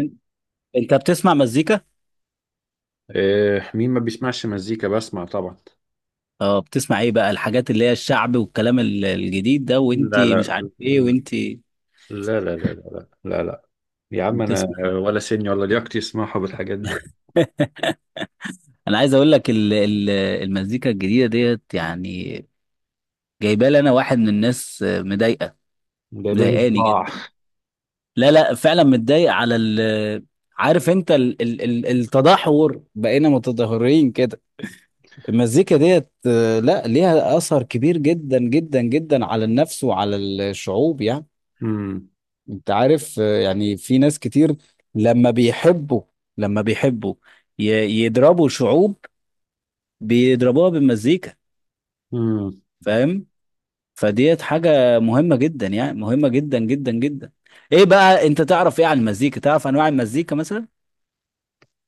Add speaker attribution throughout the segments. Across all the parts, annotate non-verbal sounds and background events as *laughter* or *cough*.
Speaker 1: إن- انت بتسمع مزيكا؟
Speaker 2: إيه، مين ما بيسمعش مزيكا؟ بسمع طبعا.
Speaker 1: اه، بتسمع ايه بقى الحاجات اللي هي الشعب والكلام الجديد ده، وانت
Speaker 2: لا
Speaker 1: مش
Speaker 2: لا
Speaker 1: عارف ايه، وانت
Speaker 2: لا لا لا لا لا لا لا يا عم انا،
Speaker 1: بتسمع ايه؟
Speaker 2: ولا سني ولا لياقتي يسمعوا بالحاجات دي.
Speaker 1: انا عايز اقول لك المزيكا الجديده ديت، يعني جايبه لي انا واحد من الناس مضايقه،
Speaker 2: جايبالي
Speaker 1: مضايقاني
Speaker 2: صداع.
Speaker 1: جدا. لا لا، فعلا متضايق على ال، عارف انت ال ال ال التدهور، بقينا متدهورين كده. المزيكا ديت لا، ليها اثر كبير جدا جدا جدا على النفس وعلى الشعوب يعني.
Speaker 2: امم
Speaker 1: انت عارف يعني في ناس كتير لما بيحبوا، لما بيحبوا ي- يضربوا شعوب، بيضربوها بالمزيكا،
Speaker 2: امم
Speaker 1: فاهم؟ فديت حاجة مهمة جدا، يعني مهمة جدا جدا جدا. ايه بقى، انت تعرف ايه عن المزيكا؟ تعرف انواع المزيكا مثلا؟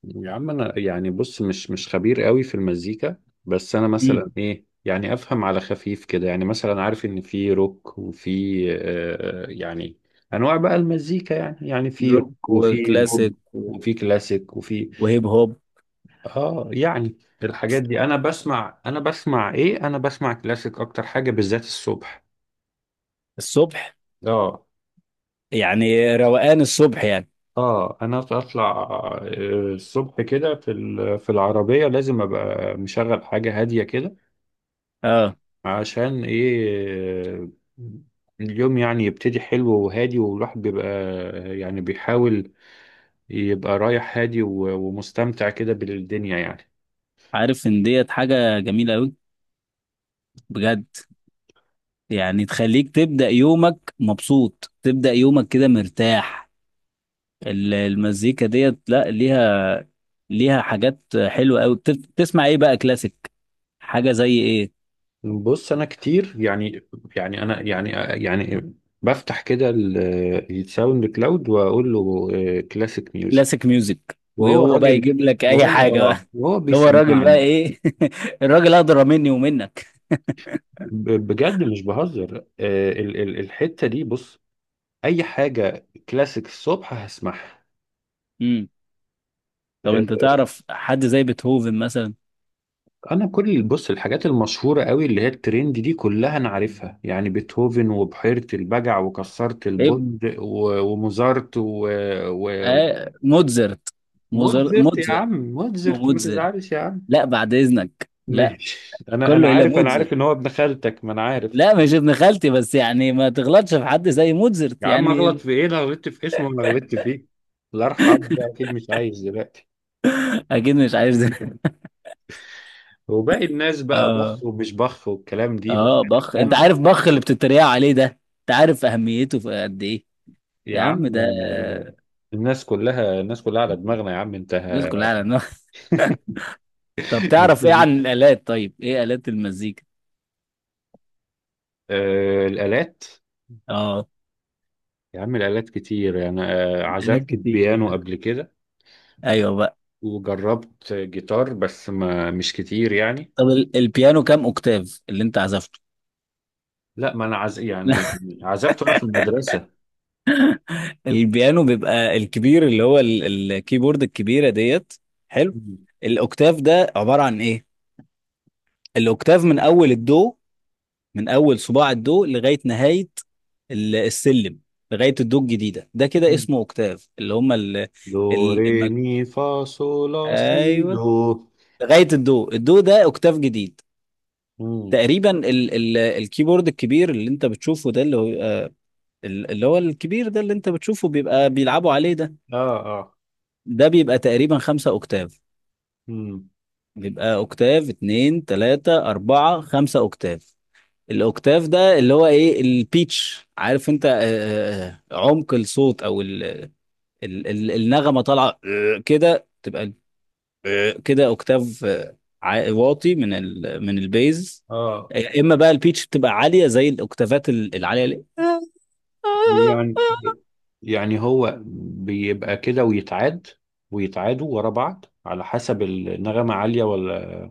Speaker 2: يا عم انا يعني، بص، مش خبير قوي في المزيكا، بس انا
Speaker 1: امم.
Speaker 2: مثلا ايه يعني، افهم على خفيف كده، يعني مثلا عارف ان في روك وفي آه يعني انواع بقى المزيكا، يعني في روك
Speaker 1: روك
Speaker 2: وفي
Speaker 1: وكلاسيك
Speaker 2: بوب وفي كلاسيك وفي
Speaker 1: وهيب هوب.
Speaker 2: اه يعني الحاجات دي. انا بسمع كلاسيك اكتر حاجة بالذات الصبح.
Speaker 1: الصبح؟
Speaker 2: اه
Speaker 1: يعني روقان الصبح يعني.
Speaker 2: اه، انا اطلع الصبح كده في في العربية لازم ابقى مشغل حاجة هادية كده.
Speaker 1: اه،
Speaker 2: عشان ايه؟ اليوم يعني يبتدي حلو وهادي، والواحد بيبقى يعني بيحاول يبقى رايح هادي ومستمتع كده بالدنيا يعني.
Speaker 1: عارف ان ديت حاجة جميلة قوي، بجد. يعني تخليك تبدأ يومك مبسوط، تبدأ يومك كده مرتاح. المزيكا ديت لا ليها، ليها حاجات حلوه قوي. بتسمع ايه بقى، كلاسيك؟ حاجه زي ايه؟
Speaker 2: بص، انا كتير يعني، يعني انا يعني يعني بفتح كده الساوند كلاود واقول له كلاسيك ميوزك،
Speaker 1: كلاسيك ميوزك،
Speaker 2: وهو
Speaker 1: وهو بقى
Speaker 2: الراجل،
Speaker 1: يجيب لك اي حاجه
Speaker 2: وهو
Speaker 1: بقى.
Speaker 2: اه وهو
Speaker 1: *laughs* هو الراجل بقى،
Speaker 2: بيسمعني.
Speaker 1: ايه! *laughs* الراجل اقدر مني ومنك.
Speaker 2: بجد مش بهزر، الحتة دي، بص، اي حاجة كلاسيك الصبح هسمعها.
Speaker 1: امم. طب
Speaker 2: آه،
Speaker 1: انت تعرف حد زي بيتهوفن مثلا؟
Speaker 2: انا كل، بص، الحاجات المشهورة قوي اللي هي الترند دي كلها انا عارفها، يعني بيتهوفن وبحيرة البجع وكسرت
Speaker 1: ايه؟
Speaker 2: البند وموزارت و...
Speaker 1: آه، موتزرت.
Speaker 2: موتزرت يا
Speaker 1: موتزرت،
Speaker 2: عم، موتزرت ما
Speaker 1: موتزرت.
Speaker 2: تزعلش يا عم.
Speaker 1: لا بعد اذنك، لا.
Speaker 2: ماشي، انا
Speaker 1: كله الى
Speaker 2: عارف، انا
Speaker 1: موتزرت.
Speaker 2: عارف ان هو ابن خالتك، ما انا عارف.
Speaker 1: لا مش ابن خالتي، بس يعني ما تغلطش في حد زي موتزرت
Speaker 2: يا عم، اغلط
Speaker 1: يعني.
Speaker 2: في
Speaker 1: *laughs*
Speaker 2: ايه؟ لا غلطت في اسمه ولا غلطت فيه، الله يرحمه ده اكيد مش عايش دلوقتي.
Speaker 1: اكيد مش عارف زي.
Speaker 2: وباقي الناس
Speaker 1: *laughs*
Speaker 2: بقى بخ
Speaker 1: اه،
Speaker 2: ومش بخ والكلام دي بس.
Speaker 1: اه، بخ؟ انت
Speaker 2: انا
Speaker 1: عارف بخ اللي بتتريق عليه ده، انت عارف اهميته في قد ايه؟
Speaker 2: يا
Speaker 1: يا عم
Speaker 2: عم،
Speaker 1: ده!
Speaker 2: آه، الناس كلها على دماغنا يا عم انت.
Speaker 1: الناس كلها
Speaker 2: *laughs*
Speaker 1: على النار. *laughs* طب تعرف ايه عن الالات؟ طيب، ايه الات المزيكا؟
Speaker 2: الآلات.
Speaker 1: اه،
Speaker 2: يا عم الآلات كتير يعني،
Speaker 1: آلات
Speaker 2: عزفت
Speaker 1: كتير،
Speaker 2: بيانو قبل كده،
Speaker 1: ايوه بقى.
Speaker 2: وجربت جيتار بس ما مش كتير يعني.
Speaker 1: طب البيانو كام اوكتاف اللي انت عزفته؟
Speaker 2: لا ما انا عز... يعني
Speaker 1: *laughs*
Speaker 2: عزفته انا في المدرسه.
Speaker 1: البيانو بيبقى الكبير، اللي هو الكيبورد الكبيره ديت. حلو.
Speaker 2: مم.
Speaker 1: الاوكتاف ده عباره عن ايه؟ الاوكتاف من اول الدو، من اول صباع الدو لغايه نهايه السلم، لغايه الدو الجديده ده، كده
Speaker 2: مم.
Speaker 1: اسمه اوكتاف. اللي هم
Speaker 2: دو
Speaker 1: ال
Speaker 2: ري
Speaker 1: المج...
Speaker 2: مي فا صول لا سي
Speaker 1: ايوه،
Speaker 2: دو.
Speaker 1: لغايه الدو، الدو ده اوكتاف جديد.
Speaker 2: مم.
Speaker 1: تقريبا ال ال الكيبورد الكبير اللي انت بتشوفه ده، اللي هو اللي هو الكبير ده اللي انت بتشوفه، بيبقى بيلعبوا عليه ده،
Speaker 2: اه اه.
Speaker 1: ده بيبقى تقريبا خمسة اوكتاف.
Speaker 2: مم.
Speaker 1: بيبقى اوكتاف، اتنين، تلاتة، اربعة، خمسة اوكتاف. الاوكتاف ده اللي هو ايه؟ البيتش. عارف انت عمق الصوت او ال ال النغمه طالعه كده تبقى كده اوكتاف واطي، من البيز.
Speaker 2: اه
Speaker 1: يا اما بقى البيتش بتبقى عاليه زي الاوكتافات العاليه
Speaker 2: يعني، يعني هو بيبقى كده ويتعاد، ويتعادوا ورا بعض على حسب النغمه عاليه ولا،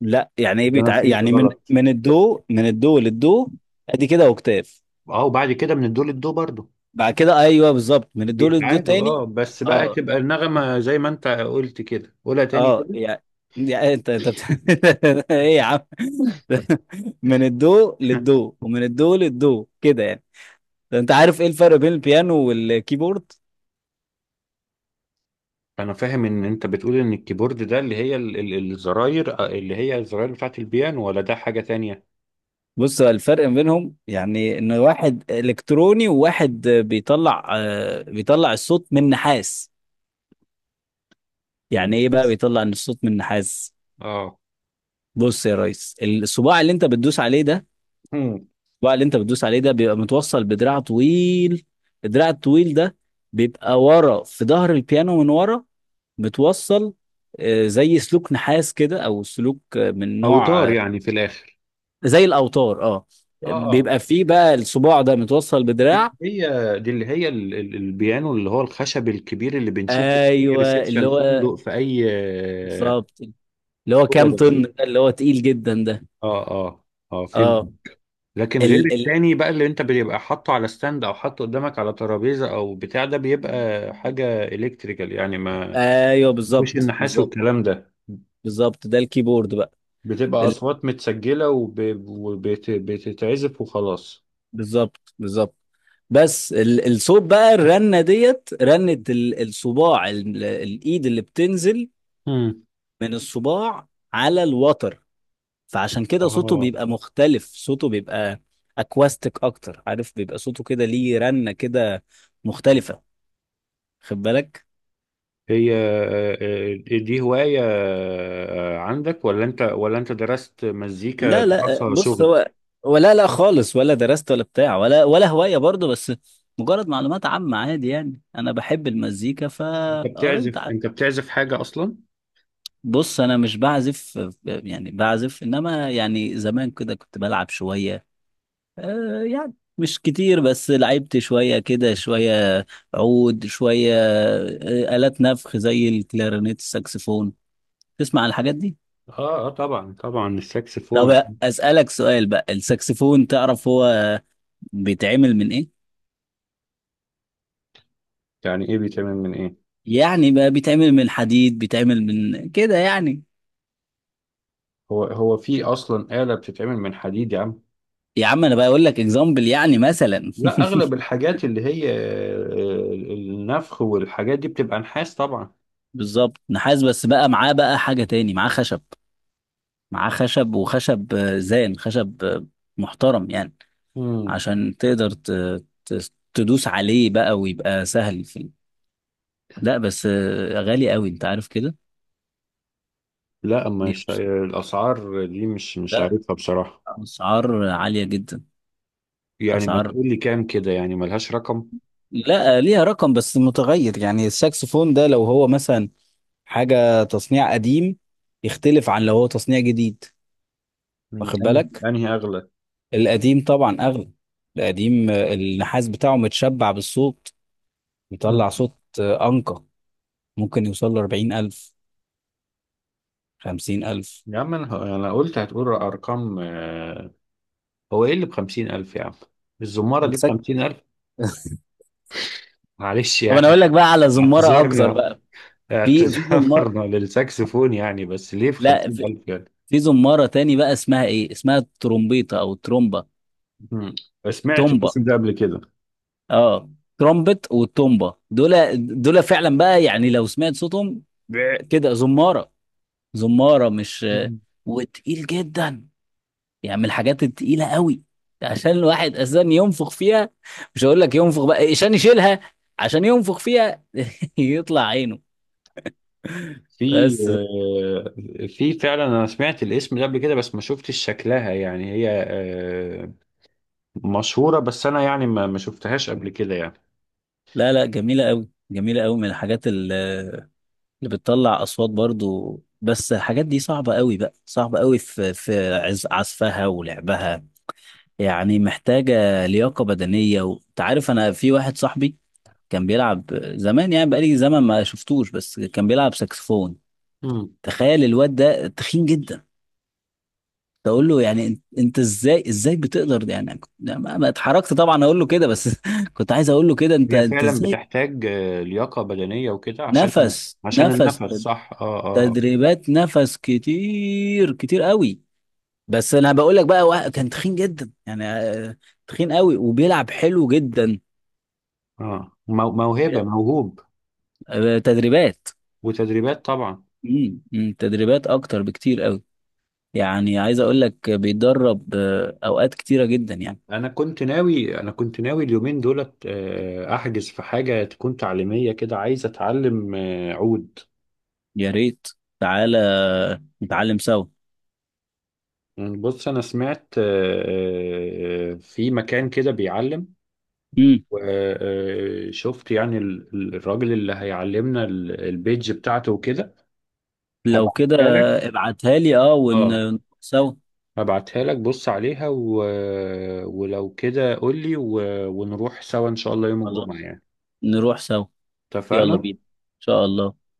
Speaker 1: لا، يعني ايه
Speaker 2: ولا انا فهمت
Speaker 1: يعني من
Speaker 2: غلط؟
Speaker 1: من الدو من الدو للدو، ادي كده اوكتاف.
Speaker 2: اه، وبعد كده من الدو للدو برضه.
Speaker 1: بعد كده ايوه، بالظبط، من الدو للدو
Speaker 2: بيتعادوا
Speaker 1: تاني.
Speaker 2: اه، بس بقى
Speaker 1: اه
Speaker 2: تبقى النغمه زي ما انت قلت كده، قولها تاني
Speaker 1: اه،
Speaker 2: كده.
Speaker 1: يعني انت *laughs* ايه يا عم! *laughs* من الدو للدو ومن الدو للدو، كده يعني. ده انت عارف ايه الفرق بين البيانو والكيبورد؟
Speaker 2: انا فاهم ان انت بتقول ان الكيبورد ده اللي هي الزراير، اللي هي الزراير بتاعت البيانو، ولا ده حاجة تانية؟
Speaker 1: بص، هو الفرق ما بينهم يعني ان واحد الكتروني، وواحد بيطلع بيطلع الصوت من نحاس.
Speaker 2: من
Speaker 1: يعني ايه بقى
Speaker 2: بس.
Speaker 1: بيطلع ان الصوت من نحاس؟
Speaker 2: اه.
Speaker 1: بص يا ريس، الصباع اللي انت بتدوس عليه ده،
Speaker 2: مم.
Speaker 1: الصباع اللي انت بتدوس عليه ده بيبقى متوصل بدراع طويل. الدراع الطويل ده بيبقى ورا في ظهر البيانو، من ورا متوصل زي سلوك نحاس كده، او سلوك من نوع
Speaker 2: اوتار يعني في الاخر.
Speaker 1: زي الاوتار، اه.
Speaker 2: اه اه.
Speaker 1: بيبقى فيه بقى الصباع ده متوصل بدراع.
Speaker 2: دي اللي هي البيانو اللي هو الخشب الكبير اللي بنشوفه في اي
Speaker 1: ايوه،
Speaker 2: ريسبشن
Speaker 1: اللي هو
Speaker 2: فندق في اي آه،
Speaker 1: بالظبط، اللي هو
Speaker 2: هو
Speaker 1: كام
Speaker 2: ده.
Speaker 1: طن ده، اللي هو تقيل جدا ده.
Speaker 2: اه اه، اه فهمت.
Speaker 1: اه،
Speaker 2: لكن غير
Speaker 1: ال ال
Speaker 2: التاني بقى اللي انت بيبقى حاطه على ستاند او حاطه قدامك على ترابيزه او بتاع، ده بيبقى حاجه الكتريكال يعني، ما
Speaker 1: ايوه،
Speaker 2: ما فيهوش
Speaker 1: بالظبط
Speaker 2: النحاس
Speaker 1: بالظبط.
Speaker 2: والكلام ده،
Speaker 1: بالظبط، ده الكيبورد بقى.
Speaker 2: بتبقى
Speaker 1: ال-
Speaker 2: اصوات متسجله وبتتعزف وخلاص.
Speaker 1: بالظبط بالظبط. بس الصوت بقى، الرنه ديت، رنه الصباع، الايد اللي بتنزل
Speaker 2: امم.
Speaker 1: من الصباع على الوتر، فعشان كده صوته
Speaker 2: اه.
Speaker 1: بيبقى مختلف، صوته بيبقى اكواستيك اكتر. عارف بيبقى صوته كده، ليه رنه كده مختلفه. خد بالك.
Speaker 2: هي دي هوايه عندك، ولا انت، ولا انت درست مزيكا
Speaker 1: لا لا،
Speaker 2: دراسه
Speaker 1: بص
Speaker 2: شغل؟
Speaker 1: هو، لا خالص، ولا درست ولا بتاع، ولا هواية برضه، بس مجرد معلومات عامة، عادي يعني. أنا بحب المزيكا فقريت
Speaker 2: انت بتعزف حاجه اصلا؟
Speaker 1: بص، أنا مش بعزف. يعني بعزف، إنما يعني زمان كده كنت بلعب شوية، يعني مش كتير، بس لعبت شوية كده، شوية عود، شوية آلات نفخ زي الكلارينيت، الساكسفون. تسمع عن الحاجات دي؟
Speaker 2: اه اه، طبعا طبعا،
Speaker 1: طب
Speaker 2: الساكسفون.
Speaker 1: أسألك سؤال بقى، الساكسفون تعرف هو بيتعمل من إيه؟
Speaker 2: يعني ايه بيتعمل من ايه؟
Speaker 1: يعني بقى بيتعمل من حديد، بيتعمل من كده يعني.
Speaker 2: هو هو في اصلا آلة بتتعمل من حديد يا عم؟
Speaker 1: يا عم، انا بقول لك اكزامبل يعني، مثلا.
Speaker 2: لا، اغلب الحاجات اللي هي النفخ والحاجات دي بتبقى نحاس طبعا.
Speaker 1: *laughs* بالظبط، نحاس، بس بقى معاه بقى حاجة تاني، معاه خشب، معاه خشب. وخشب زان، خشب محترم يعني،
Speaker 2: مم.
Speaker 1: عشان تقدر تدوس عليه بقى ويبقى سهل في لا بس غالي قوي، انت عارف كده.
Speaker 2: لا،
Speaker 1: دي
Speaker 2: مش
Speaker 1: أبس-
Speaker 2: الاسعار دي مش
Speaker 1: لا،
Speaker 2: عارفها بصراحه.
Speaker 1: اسعار عالية جدا.
Speaker 2: يعني ما
Speaker 1: اسعار،
Speaker 2: تقول لي كام كده، يعني ملهاش رقم؟
Speaker 1: لا ليها رقم بس متغير. يعني الساكسفون ده لو هو مثلا حاجة تصنيع قديم، يختلف عن لو هو تصنيع جديد.
Speaker 2: مم،
Speaker 1: واخد
Speaker 2: انهي
Speaker 1: بالك؟
Speaker 2: انهي اغلى؟
Speaker 1: القديم طبعا أغلى. القديم النحاس بتاعه متشبع بالصوت،
Speaker 2: مم.
Speaker 1: بيطلع صوت أنقى. ممكن يوصل ل 40,000، 50,000.
Speaker 2: يا عم انا، انا قلت هتقول ارقام هو ايه اللي ب 50,000 يا عم؟ الزماره دي ب
Speaker 1: السك
Speaker 2: 50,000؟ معلش
Speaker 1: طب أنا
Speaker 2: يعني،
Speaker 1: أقول لك بقى على زمارة أكتر
Speaker 2: اعتذرنا،
Speaker 1: بقى. في
Speaker 2: اعتذرنا
Speaker 1: زمارة،
Speaker 2: *laughs* للساكسفون يعني. بس ليه في
Speaker 1: لا في,
Speaker 2: 50,000 يعني؟
Speaker 1: في زمارة تاني بقى، اسمها إيه، اسمها الترومبيطة أو الترومبا.
Speaker 2: مم. سمعت
Speaker 1: تومبا،
Speaker 2: الاسم ده قبل كده.
Speaker 1: اه، ترومبت والتومبا، دول، دول فعلا بقى، يعني لو سمعت صوتهم، كده زمارة، زمارة مش،
Speaker 2: مم.
Speaker 1: وتقيل جدا، يعني من الحاجات التقيلة قوي، عشان الواحد اساسا ينفخ فيها، مش هقول لك ينفخ بقى عشان يشيلها، عشان ينفخ فيها. *laughs* يطلع عينه،
Speaker 2: في
Speaker 1: بس.
Speaker 2: في فعلا، انا سمعت الاسم ده قبل كده بس ما شفتش شكلها، يعني هي مشهورة، بس أنا يعني ما شفتهاش قبل كده يعني.
Speaker 1: لا لا، جميلة قوي، جميلة قوي، من الحاجات اللي بتطلع اصوات برضو، بس الحاجات دي صعبة قوي بقى، صعبة قوي في عزفها ولعبها، يعني محتاجة لياقة بدنية. وانت عارف، انا في واحد صاحبي كان بيلعب زمان، يعني بقالي زمن ما شفتوش، بس كان بيلعب ساكسفون.
Speaker 2: مم.
Speaker 1: تخيل، الواد ده تخين جدا، تقول له يعني أنت ازاي بتقدر؟ يعني، يعني ما اتحركت طبعا، اقول له كده بس. *laughs* كنت عايز اقول له كده، انت
Speaker 2: هي
Speaker 1: انت
Speaker 2: فعلا
Speaker 1: ازاي؟
Speaker 2: بتحتاج لياقة بدنية وكده، عشان
Speaker 1: نفس
Speaker 2: عشان
Speaker 1: نفس،
Speaker 2: النفس، صح، اه اه.
Speaker 1: تدريبات نفس كتير كتير قوي. بس انا بقول لك بقى، كان تخين جدا يعني، تخين قوي، وبيلعب حلو جدا.
Speaker 2: اه آه. موهبة، موهوب،
Speaker 1: تدريبات.
Speaker 2: وتدريبات طبعا.
Speaker 1: أمم، تدريبات اكتر بكتير قوي. يعني عايز اقول لك، بيتدرب اوقات كتيرة جدا يعني.
Speaker 2: أنا كنت ناوي اليومين دولت أحجز في حاجة تكون تعليمية كده، عايز أتعلم عود.
Speaker 1: يا ريت، تعالى نتعلم سوا.
Speaker 2: يعني بص، أنا سمعت في مكان كده بيعلم،
Speaker 1: امم.
Speaker 2: وشفت يعني الراجل اللي هيعلمنا البيج بتاعته وكده،
Speaker 1: لو كده
Speaker 2: هبعتها لك.
Speaker 1: ابعتها لي، اه،
Speaker 2: اه،
Speaker 1: ونروح سوا.
Speaker 2: هبعتها لك، بص عليها ولو كده قول لي ونروح سوا ان شاء الله يوم الجمعة
Speaker 1: خلاص،
Speaker 2: يعني.
Speaker 1: نروح سوا. يلا
Speaker 2: اتفقنا.
Speaker 1: بينا ان شاء الله.